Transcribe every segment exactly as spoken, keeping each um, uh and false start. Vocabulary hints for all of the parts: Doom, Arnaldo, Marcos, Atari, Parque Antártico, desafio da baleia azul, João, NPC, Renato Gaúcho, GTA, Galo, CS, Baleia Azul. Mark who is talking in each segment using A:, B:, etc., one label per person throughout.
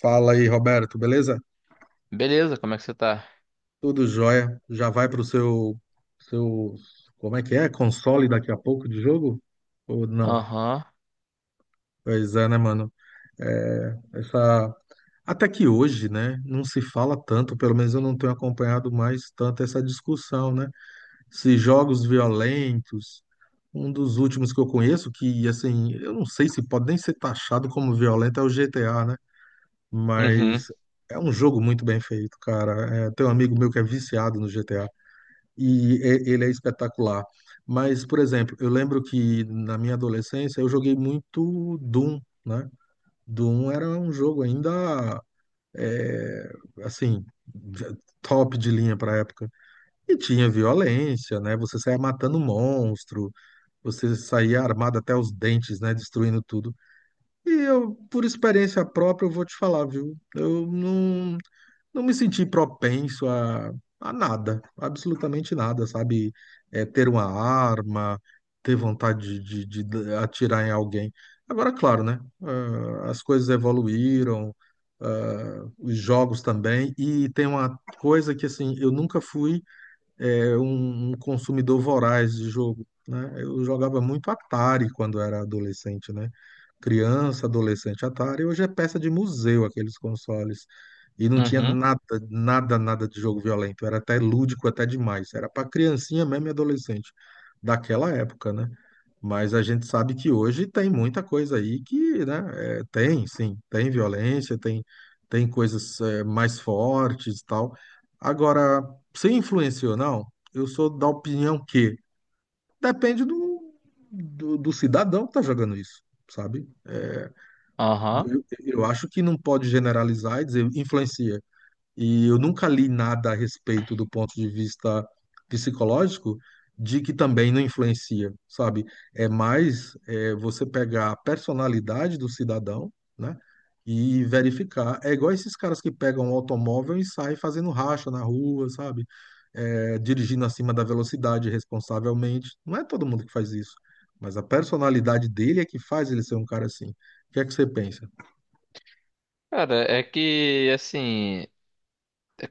A: Fala aí, Roberto, beleza?
B: Beleza, como é que você tá?
A: Tudo jóia. Já vai pro seu, seu, como é que é? Console daqui a pouco de jogo? Ou não?
B: Aham.
A: Pois é, né, mano? É, essa... Até que hoje, né, não se fala tanto, pelo menos eu não tenho acompanhado mais tanto essa discussão, né? Se jogos violentos, um dos últimos que eu conheço, que, assim, eu não sei se pode nem ser taxado como violento, é o G T A, né?
B: Uhum.
A: Mas é um jogo muito bem feito, cara. É, tem um amigo meu que é viciado no G T A e e- ele é espetacular. Mas, por exemplo, eu lembro que na minha adolescência eu joguei muito Doom, né? Doom era um jogo ainda, é, assim, top de linha para época. E tinha violência, né? Você saía matando monstro, você saía armado até os dentes, né? Destruindo tudo. E eu, por experiência própria, eu vou te falar, viu? Eu não, Não me senti propenso a, a nada, absolutamente nada, sabe? É, ter uma arma, ter vontade de, de- de atirar em alguém. Agora, claro, né? Ah, as coisas evoluíram, ah, os jogos também, e tem uma coisa que, assim, eu nunca fui é, um, um consumidor voraz de jogo, né? Eu jogava muito Atari quando era adolescente, né? Criança, adolescente, Atari. Hoje é peça de museu aqueles consoles. E não tinha
B: Uhum.
A: nada, nada, nada de jogo violento. Era até lúdico, até demais. Era para criancinha mesmo e adolescente daquela época, né? Mas a gente sabe que hoje tem muita coisa aí que, né, é, tem, sim, tem violência, tem, tem coisas, é, mais fortes e tal. Agora, se influenciou ou não, eu sou da opinião que depende do, do, do cidadão que está jogando isso, sabe?
B: Aham.
A: Eu, eu acho que não pode generalizar e dizer influencia. E eu nunca li nada a respeito do ponto de vista psicológico de que também não influencia, sabe? É mais é, você pegar a personalidade do cidadão, né? E verificar. É igual esses caras que pegam um automóvel e saem fazendo racha na rua, sabe? É, dirigindo acima da velocidade responsavelmente. Não é todo mundo que faz isso, mas a personalidade dele é que faz ele ser um cara assim. O que é que você pensa?
B: Cara, é que, assim,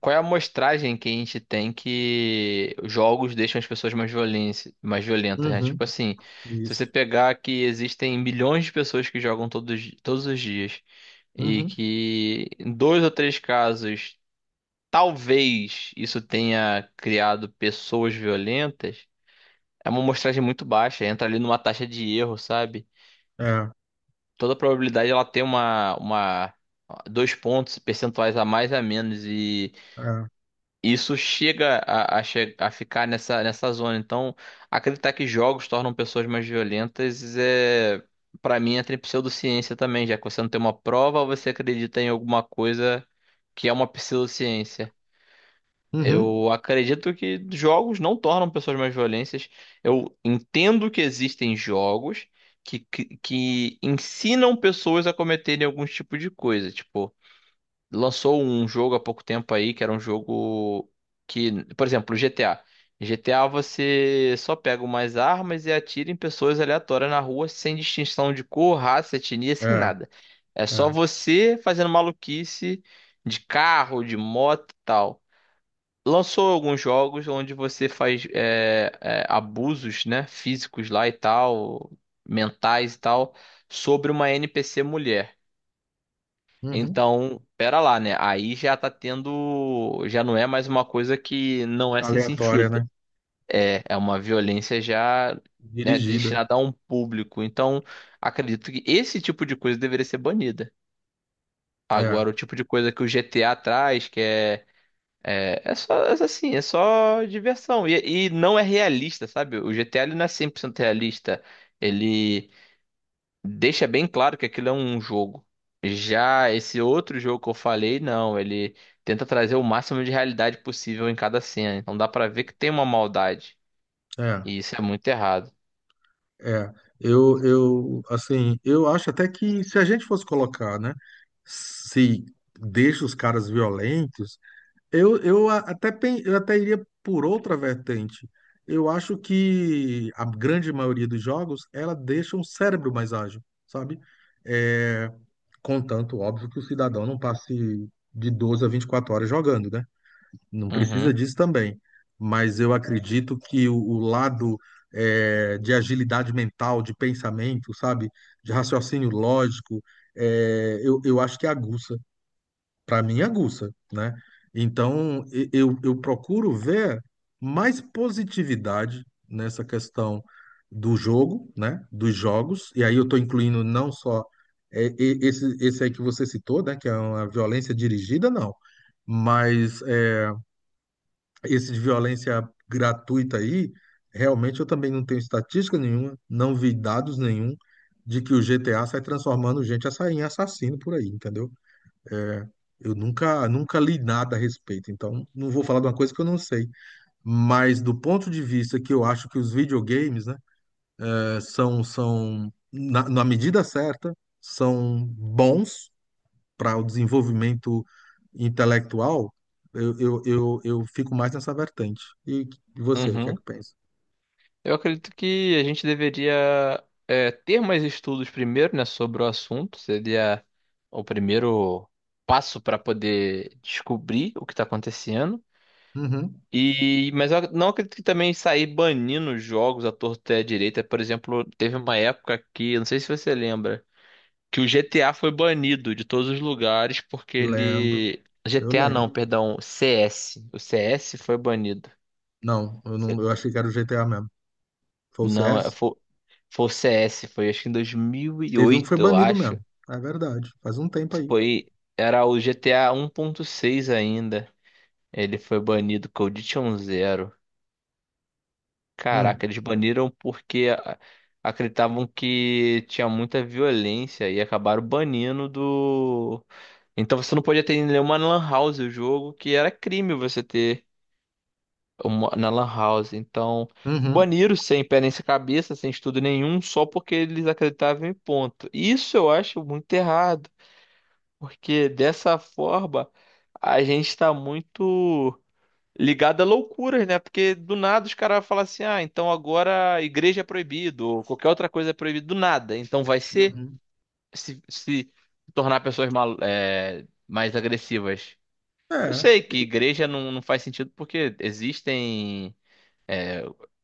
B: qual é a amostragem que a gente tem que jogos deixam as pessoas mais violência, mais violentas, né?
A: Uhum,
B: Tipo assim, se você
A: isso.
B: pegar que existem milhões de pessoas que jogam todos, todos os dias e
A: Uhum,
B: que em dois ou três casos talvez isso tenha criado pessoas violentas, é uma amostragem muito baixa, entra ali numa taxa de erro, sabe?
A: é,
B: Toda probabilidade ela tem uma, uma dois pontos percentuais a mais a menos e
A: é.
B: isso chega a, a, che- a ficar nessa, nessa zona. Então, acreditar que jogos tornam pessoas mais violentas é para mim entra em pseudociência também, já que você não tem uma prova, você acredita em alguma coisa que é uma pseudociência.
A: Uhum.
B: Eu acredito que jogos não tornam pessoas mais violentas. Eu entendo que existem jogos que, que, que ensinam pessoas a cometerem algum tipo de coisa. Tipo, lançou um jogo há pouco tempo aí que era um jogo que, por exemplo, G T A. G T A você só pega umas armas e atira em pessoas aleatórias na rua sem distinção de cor, raça, etnia, sem
A: É,
B: nada. É só
A: é.
B: você fazendo maluquice de carro, de moto e tal. Lançou alguns jogos onde você faz é, é, abusos, né, físicos lá e tal, mentais e tal, sobre uma N P C mulher.
A: Uhum.
B: Então, pera lá, né? Aí já tá tendo, já não é mais uma coisa que não é sem
A: Aleatória,
B: sentido.
A: né?
B: É, é uma violência já, né,
A: Dirigida.
B: destinada a um público. Então, acredito que esse tipo de coisa deveria ser banida.
A: É,
B: Agora, o tipo de coisa que o G T A traz, que é é é só, é assim, é só diversão. E, e não é realista, sabe? O G GTA ele não é cem por cento realista. Ele deixa bem claro que aquilo é um jogo. Já esse outro jogo que eu falei, não. Ele tenta trazer o máximo de realidade possível em cada cena. Então dá pra ver que tem uma maldade.
A: é,
B: E isso é muito errado.
A: é. Eu, eu, assim, eu acho até que se a gente fosse colocar, né, se deixa os caras violentos, eu, eu a- até, pen- eu até iria por outra vertente. Eu acho que a grande maioria dos jogos, ela deixa um cérebro mais ágil, sabe? É, contanto, óbvio, que o cidadão não passe de doze a vinte e quatro horas jogando, né? Não precisa
B: Uhum,
A: disso também, mas eu acredito que o, o lado, eh, de agilidade mental, de pensamento, sabe, de raciocínio lógico, eh, eu, eu acho que é aguça, para mim é aguça, né? Então e- eu, eu procuro ver mais positividade nessa questão do jogo, né? Dos jogos, e aí eu estou incluindo não só eh, e- esse, esse aí que você citou, né? Que é uma violência dirigida, não. Mas esse de violência gratuita aí, realmente eu também não tenho estatística nenhuma, não vi dados nenhum de que o G T A sai transformando gente assa- em assassino por aí, entendeu? Eu nunca, nunca li nada a respeito, então não vou falar de uma coisa que eu não sei. Mas do ponto de vista que eu acho que os videogames, né, eh, são, são na, na medida certa, são bons para o desenvolvimento intelectual, eu, eu, eu, eu fico mais nessa vertente. E você, o que é
B: uhum.
A: que pensa?
B: Eu acredito que a gente deveria é, ter mais estudos primeiro, né, sobre o assunto. Seria o primeiro passo para poder descobrir o que está acontecendo.
A: Uhum.
B: E, mas eu não acredito que também sair banindo os jogos à torta e à direita. Por exemplo, teve uma época que, não sei se você lembra, que o G T A foi banido de todos os lugares porque
A: Lembro,
B: ele...
A: eu
B: G T A não,
A: lembro.
B: perdão, C S. O C S foi banido.
A: Não, eu não, Eu achei que era o G T A mesmo. Foi o C
B: Não, é-
A: S
B: foi, foi o C S, foi acho que em dois mil e
A: Teve um que foi
B: oito, eu
A: banido mesmo.
B: acho.
A: É verdade. Faz um tempo aí.
B: Foi, era o G T A seis ainda. Ele foi banido com Zero.
A: Hum.
B: Caraca, eles baniram porque a- acreditavam que tinha muita violência e acabaram banindo do. Então você não podia ter em nenhuma lan house o jogo, que era crime você ter. Uma- na Lan House. Então,
A: Uhum.
B: baniram sem pé nem sem cabeça, sem estudo nenhum, só porque eles acreditavam em ponto. Isso eu acho muito errado, porque dessa forma a gente está muito ligado a loucuras, né? Porque do nada os caras falam assim: ah, então agora a igreja é proibido, ou qualquer outra coisa é proibido, do nada. Então vai ser
A: Uhum.
B: se, se tornar pessoas mal, é, mais agressivas. Eu
A: É.
B: sei que igreja não, não faz sentido porque existem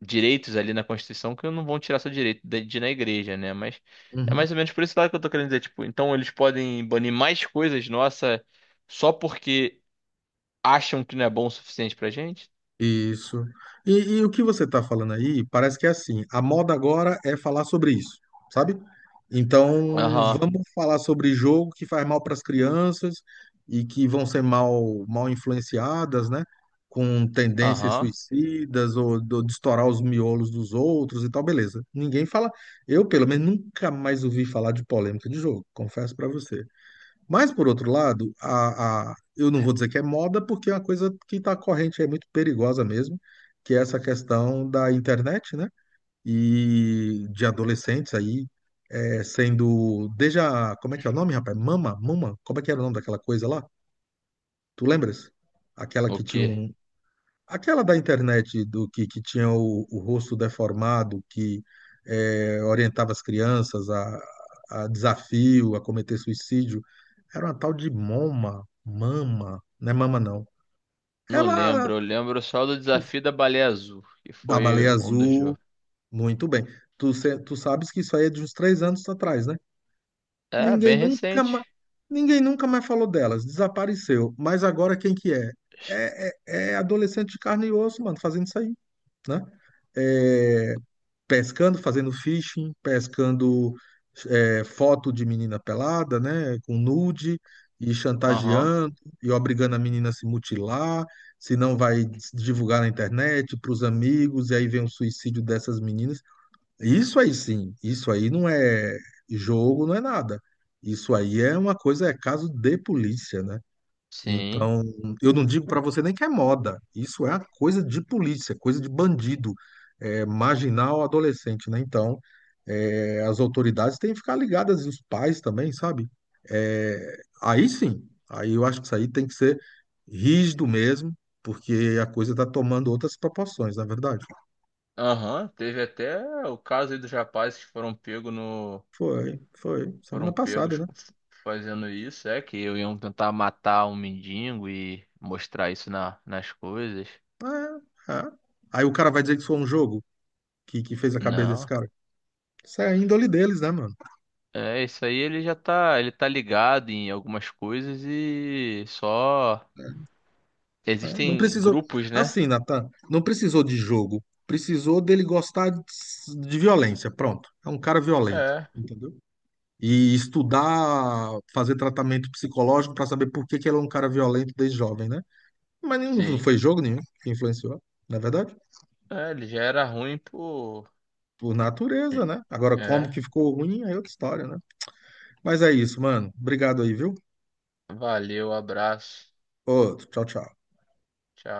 B: direitos ali na Constituição que não vão tirar seu direito de de ir na igreja, né? Mas é
A: Uhum.
B: mais ou menos por esse lado que eu tô querendo dizer, tipo, então eles podem banir mais coisas, nossa, só porque acham que não é bom o suficiente pra gente?
A: Isso. E, e o que você está falando aí, parece que é assim, a moda agora é falar sobre isso, sabe? Então,
B: Aham,
A: vamos falar sobre jogo que faz mal para as crianças e que vão ser mal, mal influenciadas, né? Com tendências
B: aham.
A: suicidas ou do, de estourar os miolos dos outros e tal, beleza. Ninguém fala. Eu, pelo menos, nunca mais ouvi falar de polêmica de jogo, confesso para você. Mas, por outro lado, a, a, eu não vou dizer que é moda, porque é uma coisa que está corrente, é muito perigosa mesmo, que é essa questão da internet, né? E de adolescentes aí é, sendo. Desde a. Como é que é o nome, rapaz? Mama? Mama? Como é que era o nome daquela coisa lá? Tu lembras? Aquela
B: O
A: que tinha
B: quê?
A: um, aquela da internet do que, que tinha o, o rosto deformado, que eh, orientava as crianças a, a desafio, a cometer suicídio, era uma tal de Moma, Mama, não é Mama não.
B: Não
A: Ela
B: lembro, eu lembro só do desafio da baleia azul, que
A: da
B: foi
A: Baleia
B: um dos
A: Azul,
B: jogos.
A: muito bem. Tu, se- tu sabes que isso aí é de uns três anos atrás, né?
B: É,
A: Ninguém
B: bem
A: nunca mais,
B: recente.
A: ninguém nunca mais falou delas, desapareceu. Mas agora quem que é? É, é- É adolescente de carne e osso, mano, fazendo isso aí, né? É, pescando, fazendo fishing, pescando é, foto de menina pelada, né, com nude, e
B: Aham,
A: chantageando, e obrigando a menina a se mutilar, se não vai divulgar na internet, para os amigos, e aí vem o suicídio dessas meninas. Isso aí sim, isso aí não é jogo, não é nada. Isso aí é uma coisa, é caso de polícia, né?
B: sim.
A: Então, eu não digo para você nem que é moda. Isso é coisa de polícia, coisa de bandido, é, marginal adolescente, né? Então, é, as autoridades têm que ficar ligadas, e os pais também, sabe? É, aí sim, aí eu acho que isso aí tem que ser rígido mesmo, porque a coisa está tomando outras proporções, na verdade.
B: Aham, teve até o caso aí dos rapazes que foram pegos no
A: Foi, foi,
B: foram
A: semana passada,
B: pegos
A: né?
B: fazendo isso, é que eu iam tentar matar um mendigo e mostrar isso na, nas coisas.
A: É, é. Aí o cara vai dizer que isso foi um jogo que, que fez a cabeça desse
B: Não.
A: cara. Isso é a índole deles, né, mano?
B: É, isso aí ele já tá, ele tá ligado em algumas coisas e só
A: Né? Não
B: existem
A: precisou.
B: grupos, né?
A: Assim, Natan, não precisou de jogo. Precisou dele gostar de de violência. Pronto. É um cara violento,
B: É,
A: entendeu? E estudar, fazer tratamento psicológico para saber por que que ele é um cara violento desde jovem, né? Mas nem- não
B: sim.
A: foi jogo nenhum que influenciou, na verdade.
B: É, ele já era ruim por.
A: Por natureza, né? Agora, como que
B: É,
A: ficou ruim, aí é outra história, né? Mas é isso, mano. Obrigado aí, viu?
B: valeu, abraço.
A: Outro. Tchau, tchau.
B: Tchau.